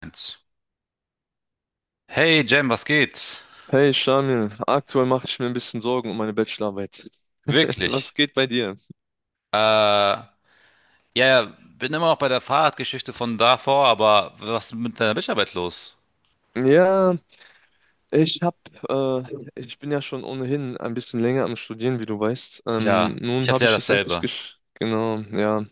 Eins. Hey Jam, was geht? Hey Shamil, aktuell mache ich mir ein bisschen Sorgen um meine Bachelorarbeit. Was Wirklich. geht bei dir? Äh, ja, ja, bin immer noch bei der Fahrradgeschichte von davor, aber was ist mit deiner Bachelorarbeit los? Ja, ich hab, äh, ich bin ja schon ohnehin ein bisschen länger am Studieren, wie du weißt. Ja, ich Nun hatte habe ja ich es endlich dasselbe. gesch... Genau, ja.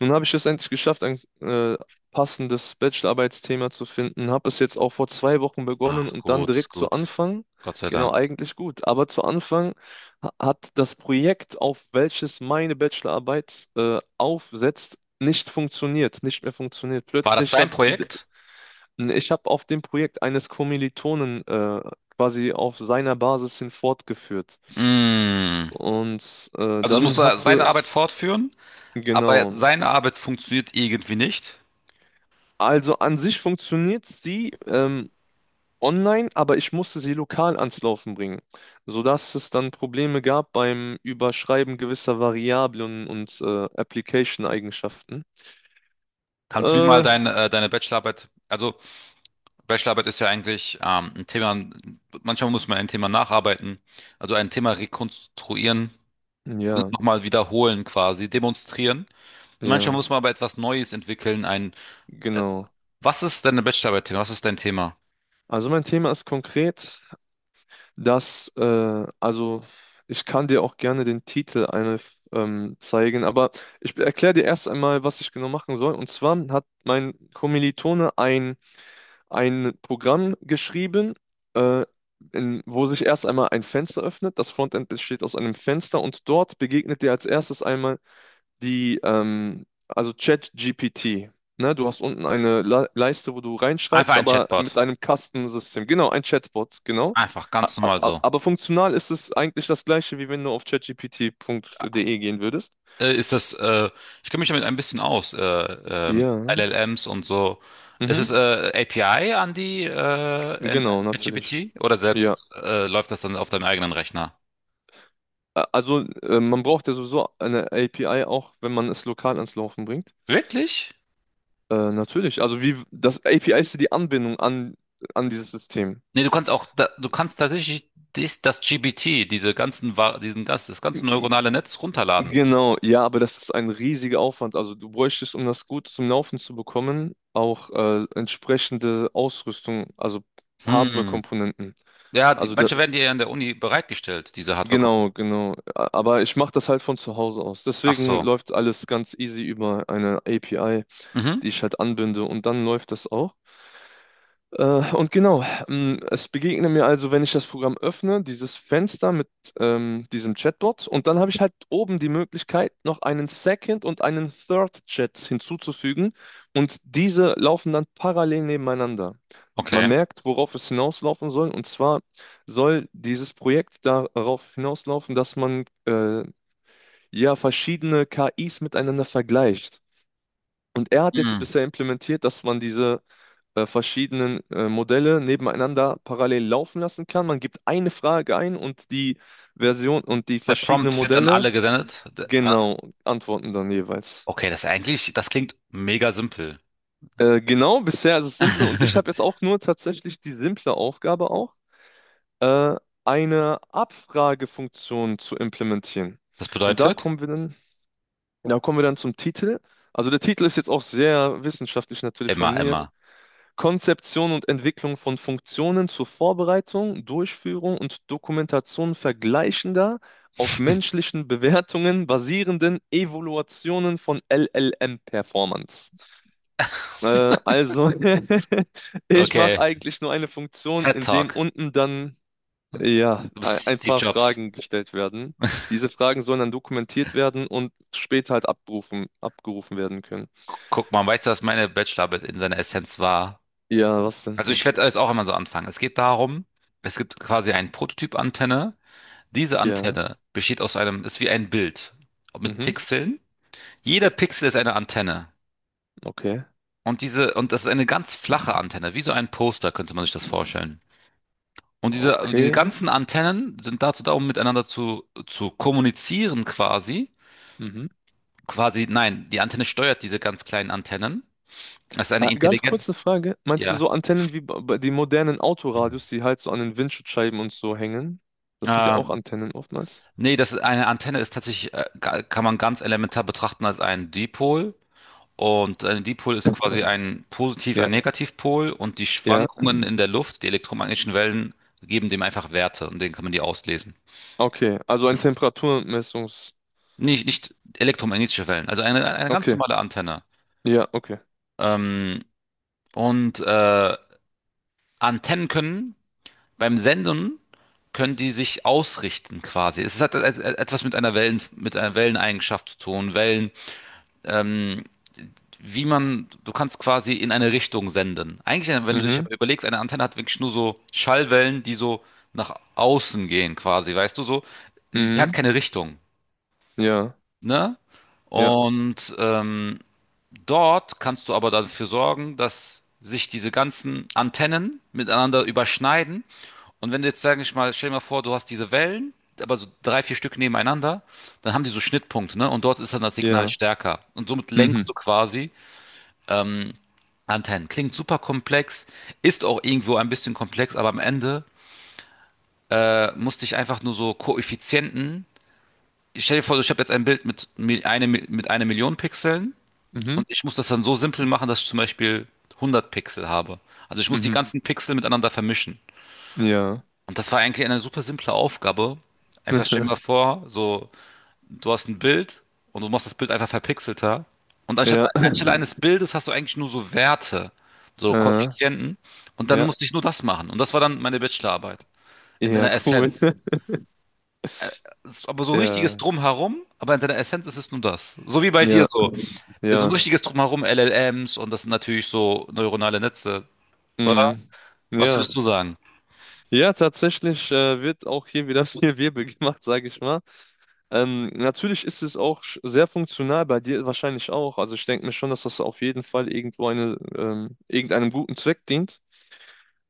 Nun habe ich es endlich geschafft, ein passendes Bachelorarbeitsthema zu finden. Habe es jetzt auch vor 2 Wochen begonnen Ach, und dann gut, direkt zu gut. Anfang. Gott sei Genau, Dank. eigentlich gut. Aber zu Anfang hat das Projekt, auf welches meine Bachelorarbeit aufsetzt, nicht funktioniert, nicht mehr funktioniert. War das Plötzlich dein hat die, Projekt? ich habe auf dem Projekt eines Kommilitonen quasi auf seiner Basis hin fortgeführt. Mm. Und Also du musst dann da hatte seine Arbeit es, fortführen, aber genau. seine Arbeit funktioniert irgendwie nicht. Also an sich funktioniert sie online, aber ich musste sie lokal ans Laufen bringen, sodass es dann Probleme gab beim Überschreiben gewisser Variablen und Application-Eigenschaften. Kannst du mir mal Äh, deine, deine Bachelorarbeit, also Bachelorarbeit ist ja eigentlich ein Thema, manchmal muss man ein Thema nacharbeiten, also ein Thema rekonstruieren, ja, nochmal wiederholen quasi, demonstrieren. Und manchmal ja, muss man aber etwas Neues entwickeln, ein, et- genau. was ist deine Bachelorarbeit-Thema? Was ist dein Thema? Also mein Thema ist konkret, dass, also ich kann dir auch gerne den Titel eine, zeigen, aber ich erkläre dir erst einmal, was ich genau machen soll. Und zwar hat mein Kommilitone ein Programm geschrieben, äh, in, wo sich erst einmal ein Fenster öffnet. Das Frontend besteht aus einem Fenster und dort begegnet dir als erstes einmal die, also ChatGPT. Ne, du hast unten eine Le Leiste, wo du Einfach reinschreibst, ein aber mit Chatbot. einem Kastensystem. Genau, ein Chatbot, genau. Einfach, A- ganz a- normal a- so. Aber funktional ist es eigentlich das gleiche, wie wenn du auf chatgpt.de gehen würdest. Äh, ist das, äh, Ich kenne mich damit ein bisschen aus, mit Ja. LLMs und so. Ist Mhm. es API an die in Genau, natürlich. ChatGPT oder Ja. selbst läuft das dann auf deinem eigenen Rechner? Also, man braucht ja sowieso eine API auch, wenn man es lokal ans Laufen bringt. Wirklich? Natürlich. Also, wie das API ist ja die Anbindung an, an dieses System. Nee, du kannst auch, du kannst tatsächlich das GPT, diese ganzen, Wa- diesen, das, das ganze neuronale Netz runterladen. Genau, ja, aber das ist ein riesiger Aufwand. Also du bräuchtest, um das gut zum Laufen zu bekommen, auch entsprechende Ausrüstung, also Hm. Hardware-Komponenten. Ja, die, Also da, manche werden dir ja in der Uni bereitgestellt, diese Hardware. genau, genau. Aber ich mache das halt von zu Hause aus. Ach Deswegen so. läuft alles ganz easy über eine API, Mhm. die ich halt anbinde und dann läuft das auch. Und genau, es begegnet mir also, wenn ich das Programm öffne, dieses Fenster mit diesem Chatbot und dann habe ich halt oben die Möglichkeit, noch einen Second und einen Third Chat hinzuzufügen und diese laufen dann parallel nebeneinander. Man Okay. merkt, worauf es hinauslaufen soll und zwar soll dieses Projekt darauf hinauslaufen, dass man ja verschiedene KIs miteinander vergleicht. Und er hat jetzt Hm. bisher implementiert, dass man diese verschiedenen Modelle nebeneinander parallel laufen lassen kann. Man gibt eine Frage ein und die Version und die Der verschiedenen Prompt wird an Modelle alle gesendet. Genau antworten dann jeweils. Okay, das ist eigentlich, das klingt mega simpel. Genau, bisher ist es simpel und ich habe jetzt auch nur tatsächlich die simple Aufgabe auch, äh, eine Abfragefunktion zu implementieren. Das Und da bedeutet? kommen wir dann, da kommen wir dann zum Titel. Also der Titel ist jetzt auch sehr wissenschaftlich natürlich Immer, formuliert. immer. Konzeption und Entwicklung von Funktionen zur Vorbereitung, Durchführung und Dokumentation vergleichender, auf menschlichen Bewertungen basierenden Evaluationen von LLM-Performance. Also, ich mache Okay. eigentlich nur eine Funktion, TED in dem Talk. unten dann ja Du ein bist ein Steve paar Jobs. Fragen gestellt werden. Diese Fragen sollen dann dokumentiert werden und später halt abgerufen, abgerufen werden können. Guck mal, weißt du, was meine Bachelorarbeit in seiner Essenz war? Ja, was Also denn? ich werde es auch immer so anfangen. Es geht darum, es gibt quasi einen Prototyp-Antenne. Diese Ja, Antenne besteht aus einem, ist wie ein Bild mit mhm, Pixeln. Jeder Pixel ist eine Antenne. okay. Und diese, und das ist eine ganz flache Antenne, wie so ein Poster, könnte man sich das vorstellen. Und diese, diese Okay. ganzen Antennen sind dazu da, um miteinander zu kommunizieren quasi. Mhm. Quasi, nein, die Antenne steuert diese ganz kleinen Antennen. Das ist eine Ganz kurz eine intelligent, Frage. Meinst du ja. so Antennen wie bei den modernen Autoradios, die halt so an den Windschutzscheiben und so hängen? Das sind ja Äh, auch Antennen oftmals. Nee, das ist eine Antenne ist tatsächlich, kann man ganz elementar betrachten als einen Dipol. Und ein Dipol ist quasi ein Positiv-, Ja, ja. ein Negativpol und die Ja. Schwankungen in der Luft, die elektromagnetischen Wellen, geben dem einfach Werte und denen kann man die auslesen. Okay, also ein Temperaturmessungs... Nicht, nicht elektromagnetische Wellen, also eine ganz Okay, normale Antenne. ja, okay. Ähm, und äh, Antennen können beim Senden können die sich ausrichten quasi. Es hat etwas mit einer Wellen, mit einer Welleneigenschaft zu tun. Wellen ähm, wie man, du kannst quasi in eine Richtung senden. Eigentlich, wenn du dich Mhm, aber überlegst, eine Antenne hat wirklich nur so Schallwellen, die so nach außen gehen, quasi, weißt du so? Die, die hat mhm, keine Richtung, ja, ne? ja, Und dort kannst du aber dafür sorgen, dass sich diese ganzen Antennen miteinander überschneiden. Und wenn du jetzt, sag ich mal, stell dir mal vor, du hast diese Wellen, aber so drei, vier Stück nebeneinander, dann haben die so Schnittpunkte, ne? Und dort ist dann das Signal ja. stärker. Und somit Mhm, lenkst du quasi Antennen. Klingt super komplex, ist auch irgendwo ein bisschen komplex, aber am Ende musste ich einfach nur so Koeffizienten. Ich stell dir vor, ich habe jetzt ein Bild mit einer Million Pixeln mhm, und ich muss das dann so simpel machen, dass ich zum Beispiel 100 Pixel habe. Also ich muss die mhm, ganzen Pixel miteinander vermischen. ja. Und das war eigentlich eine super simple Aufgabe. Einfach stell dir mal vor, so du hast ein Bild und du machst das Bild einfach verpixelter. Und anstatt, Ja, anstelle eines Bildes hast du eigentlich nur so Werte, so äh, Koeffizienten. Und dann ja, musste ich nur das machen. Und das war dann meine Bachelorarbeit. In ja, seiner cool. Essenz. Es ist aber so ein richtiges Ja, Drumherum, aber in seiner Essenz ist es nur das. So wie bei dir ja, so. So ein ja, richtiges Drumherum, LLMs und das sind natürlich so neuronale Netze, oder? mhm, Was ja. würdest du sagen? Ja, tatsächlich wird auch hier wieder viel Wirbel gemacht, sage ich mal. Natürlich ist es auch sehr funktional, bei dir wahrscheinlich auch. Also ich denke mir schon, dass das auf jeden Fall irgendwo eine, irgendeinem guten Zweck dient.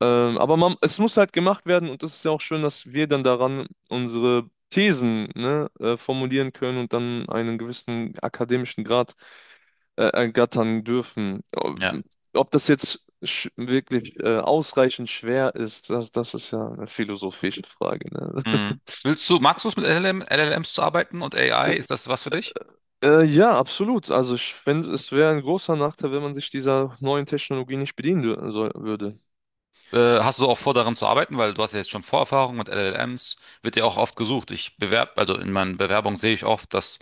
Aber man, es muss halt gemacht werden und es ist ja auch schön, dass wir dann daran unsere Thesen, ne, formulieren können und dann einen gewissen akademischen Grad ergattern dürfen. Ja. Ob das jetzt wirklich ausreichend schwer ist, das, das ist ja eine philosophische Frage, ne? Mhm. Willst du, magst du es mit LLMs zu arbeiten und AI? Ist das was für dich? Ja, absolut. Also ich finde, es wäre ein großer Nachteil, wenn man sich dieser neuen Technologie nicht bedienen soll, würde. Hast du auch vor, daran zu arbeiten, weil du hast ja jetzt schon Vorerfahrung mit LLMs, wird ja auch oft gesucht. Ich bewerb, also in meinen Bewerbungen sehe ich oft, dass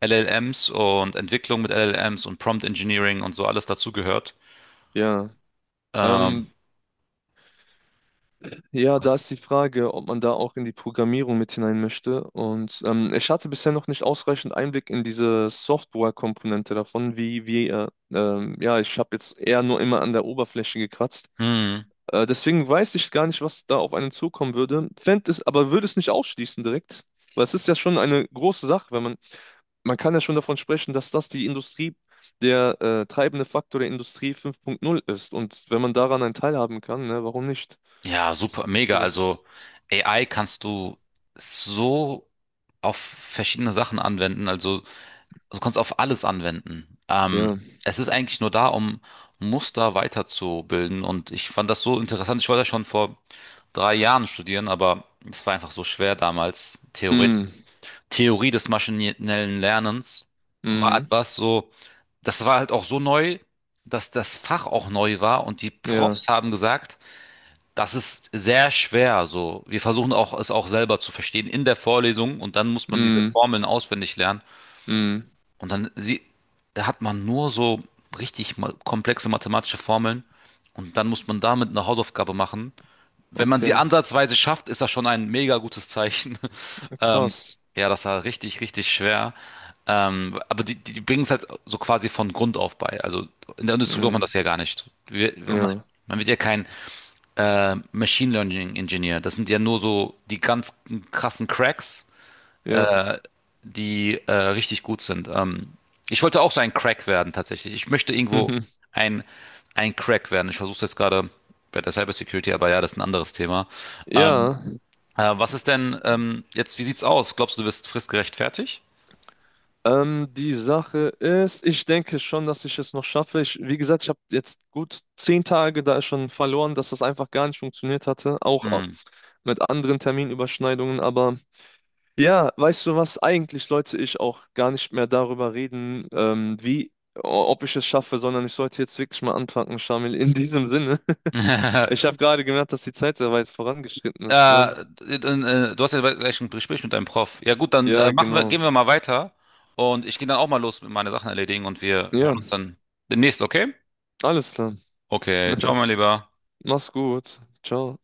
LLMs und Entwicklung mit LLMs und Prompt Engineering und so alles dazugehört. Ja. Ähm, Ähm, ja, da ist die Frage, ob man da auch in die Programmierung mit hinein möchte. Und ich hatte bisher noch nicht ausreichend Einblick in diese Software-Komponente davon, wie, ja, ich habe jetzt eher nur immer an der Oberfläche gekratzt. mh, Deswegen weiß ich gar nicht, was da auf einen zukommen würde. Fänd es, aber würde es nicht ausschließen direkt, weil es ist ja schon eine große Sache, wenn man man kann ja schon davon sprechen, dass das die Industrie, der treibende Faktor der Industrie 5.0 ist. Und wenn man daran einen Teil haben kann, ne, warum nicht? ja, super, mega. Sowas- Also AI kannst du so auf verschiedene Sachen anwenden. Also du kannst auf alles anwenden. Ja. Es ist eigentlich nur da, um Muster weiterzubilden. Und ich fand das so interessant. Ich wollte ja schon vor drei Jahren studieren, aber es war einfach so schwer damals. Theorie, Mm, Theorie des maschinellen Lernens war mm, etwas so, das war halt auch so neu, dass das Fach auch neu war. Und die ja. Profs haben gesagt, das ist sehr schwer. So, wir versuchen auch, es auch selber zu verstehen in der Vorlesung. Und dann muss man diese Mm, Formeln auswendig lernen. mm. Und dann sie, da hat man nur so komplexe mathematische Formeln und dann muss man damit eine Hausaufgabe machen. Wenn man sie Okay. ansatzweise schafft, ist das schon ein mega gutes Zeichen. Ähm, Krass. ja, das war richtig, richtig schwer. Die bringen es halt so quasi von Grund auf bei. Also in der Industrie braucht man Mm, das ja gar nicht. Man, ja. man wird ja kein Machine Learning Engineer. Das sind ja nur so die ganz krassen Cracks Ja. äh, die richtig gut sind. Ich wollte auch so ein Crack werden tatsächlich. Ich möchte irgendwo Mhm. ein, ein Crack werden. Ich versuche es jetzt gerade bei der Cybersecurity, aber ja, das ist ein anderes Thema. Ähm, Ja. Was ist denn S- jetzt, wie sieht's aus? Glaubst du, du wirst fristgerecht fertig? Die Sache ist, ich denke schon, dass ich es noch schaffe. Ich, wie gesagt, ich habe jetzt gut 10 Tage da schon verloren, dass das einfach gar nicht funktioniert hatte. Auch Hm. mit anderen Terminüberschneidungen, aber ja, weißt du was, eigentlich sollte ich auch gar nicht mehr darüber reden, ob ich es schaffe, sondern ich sollte jetzt wirklich mal anfangen, Shamil, in diesem Sinne. Ich habe gerade gemerkt, dass die Zeit sehr weit vorangeschritten ist, ne? Äh, Du hast ja gleich ein Gespräch mit deinem Prof. Ja gut, dann Ja, machen wir, genau. gehen wir mal weiter und ich gehe dann auch mal los mit meine Sachen erledigen und wir hören Ja, uns dann demnächst, okay? alles klar. Okay, ciao mein Lieber. Mach's gut. Ciao.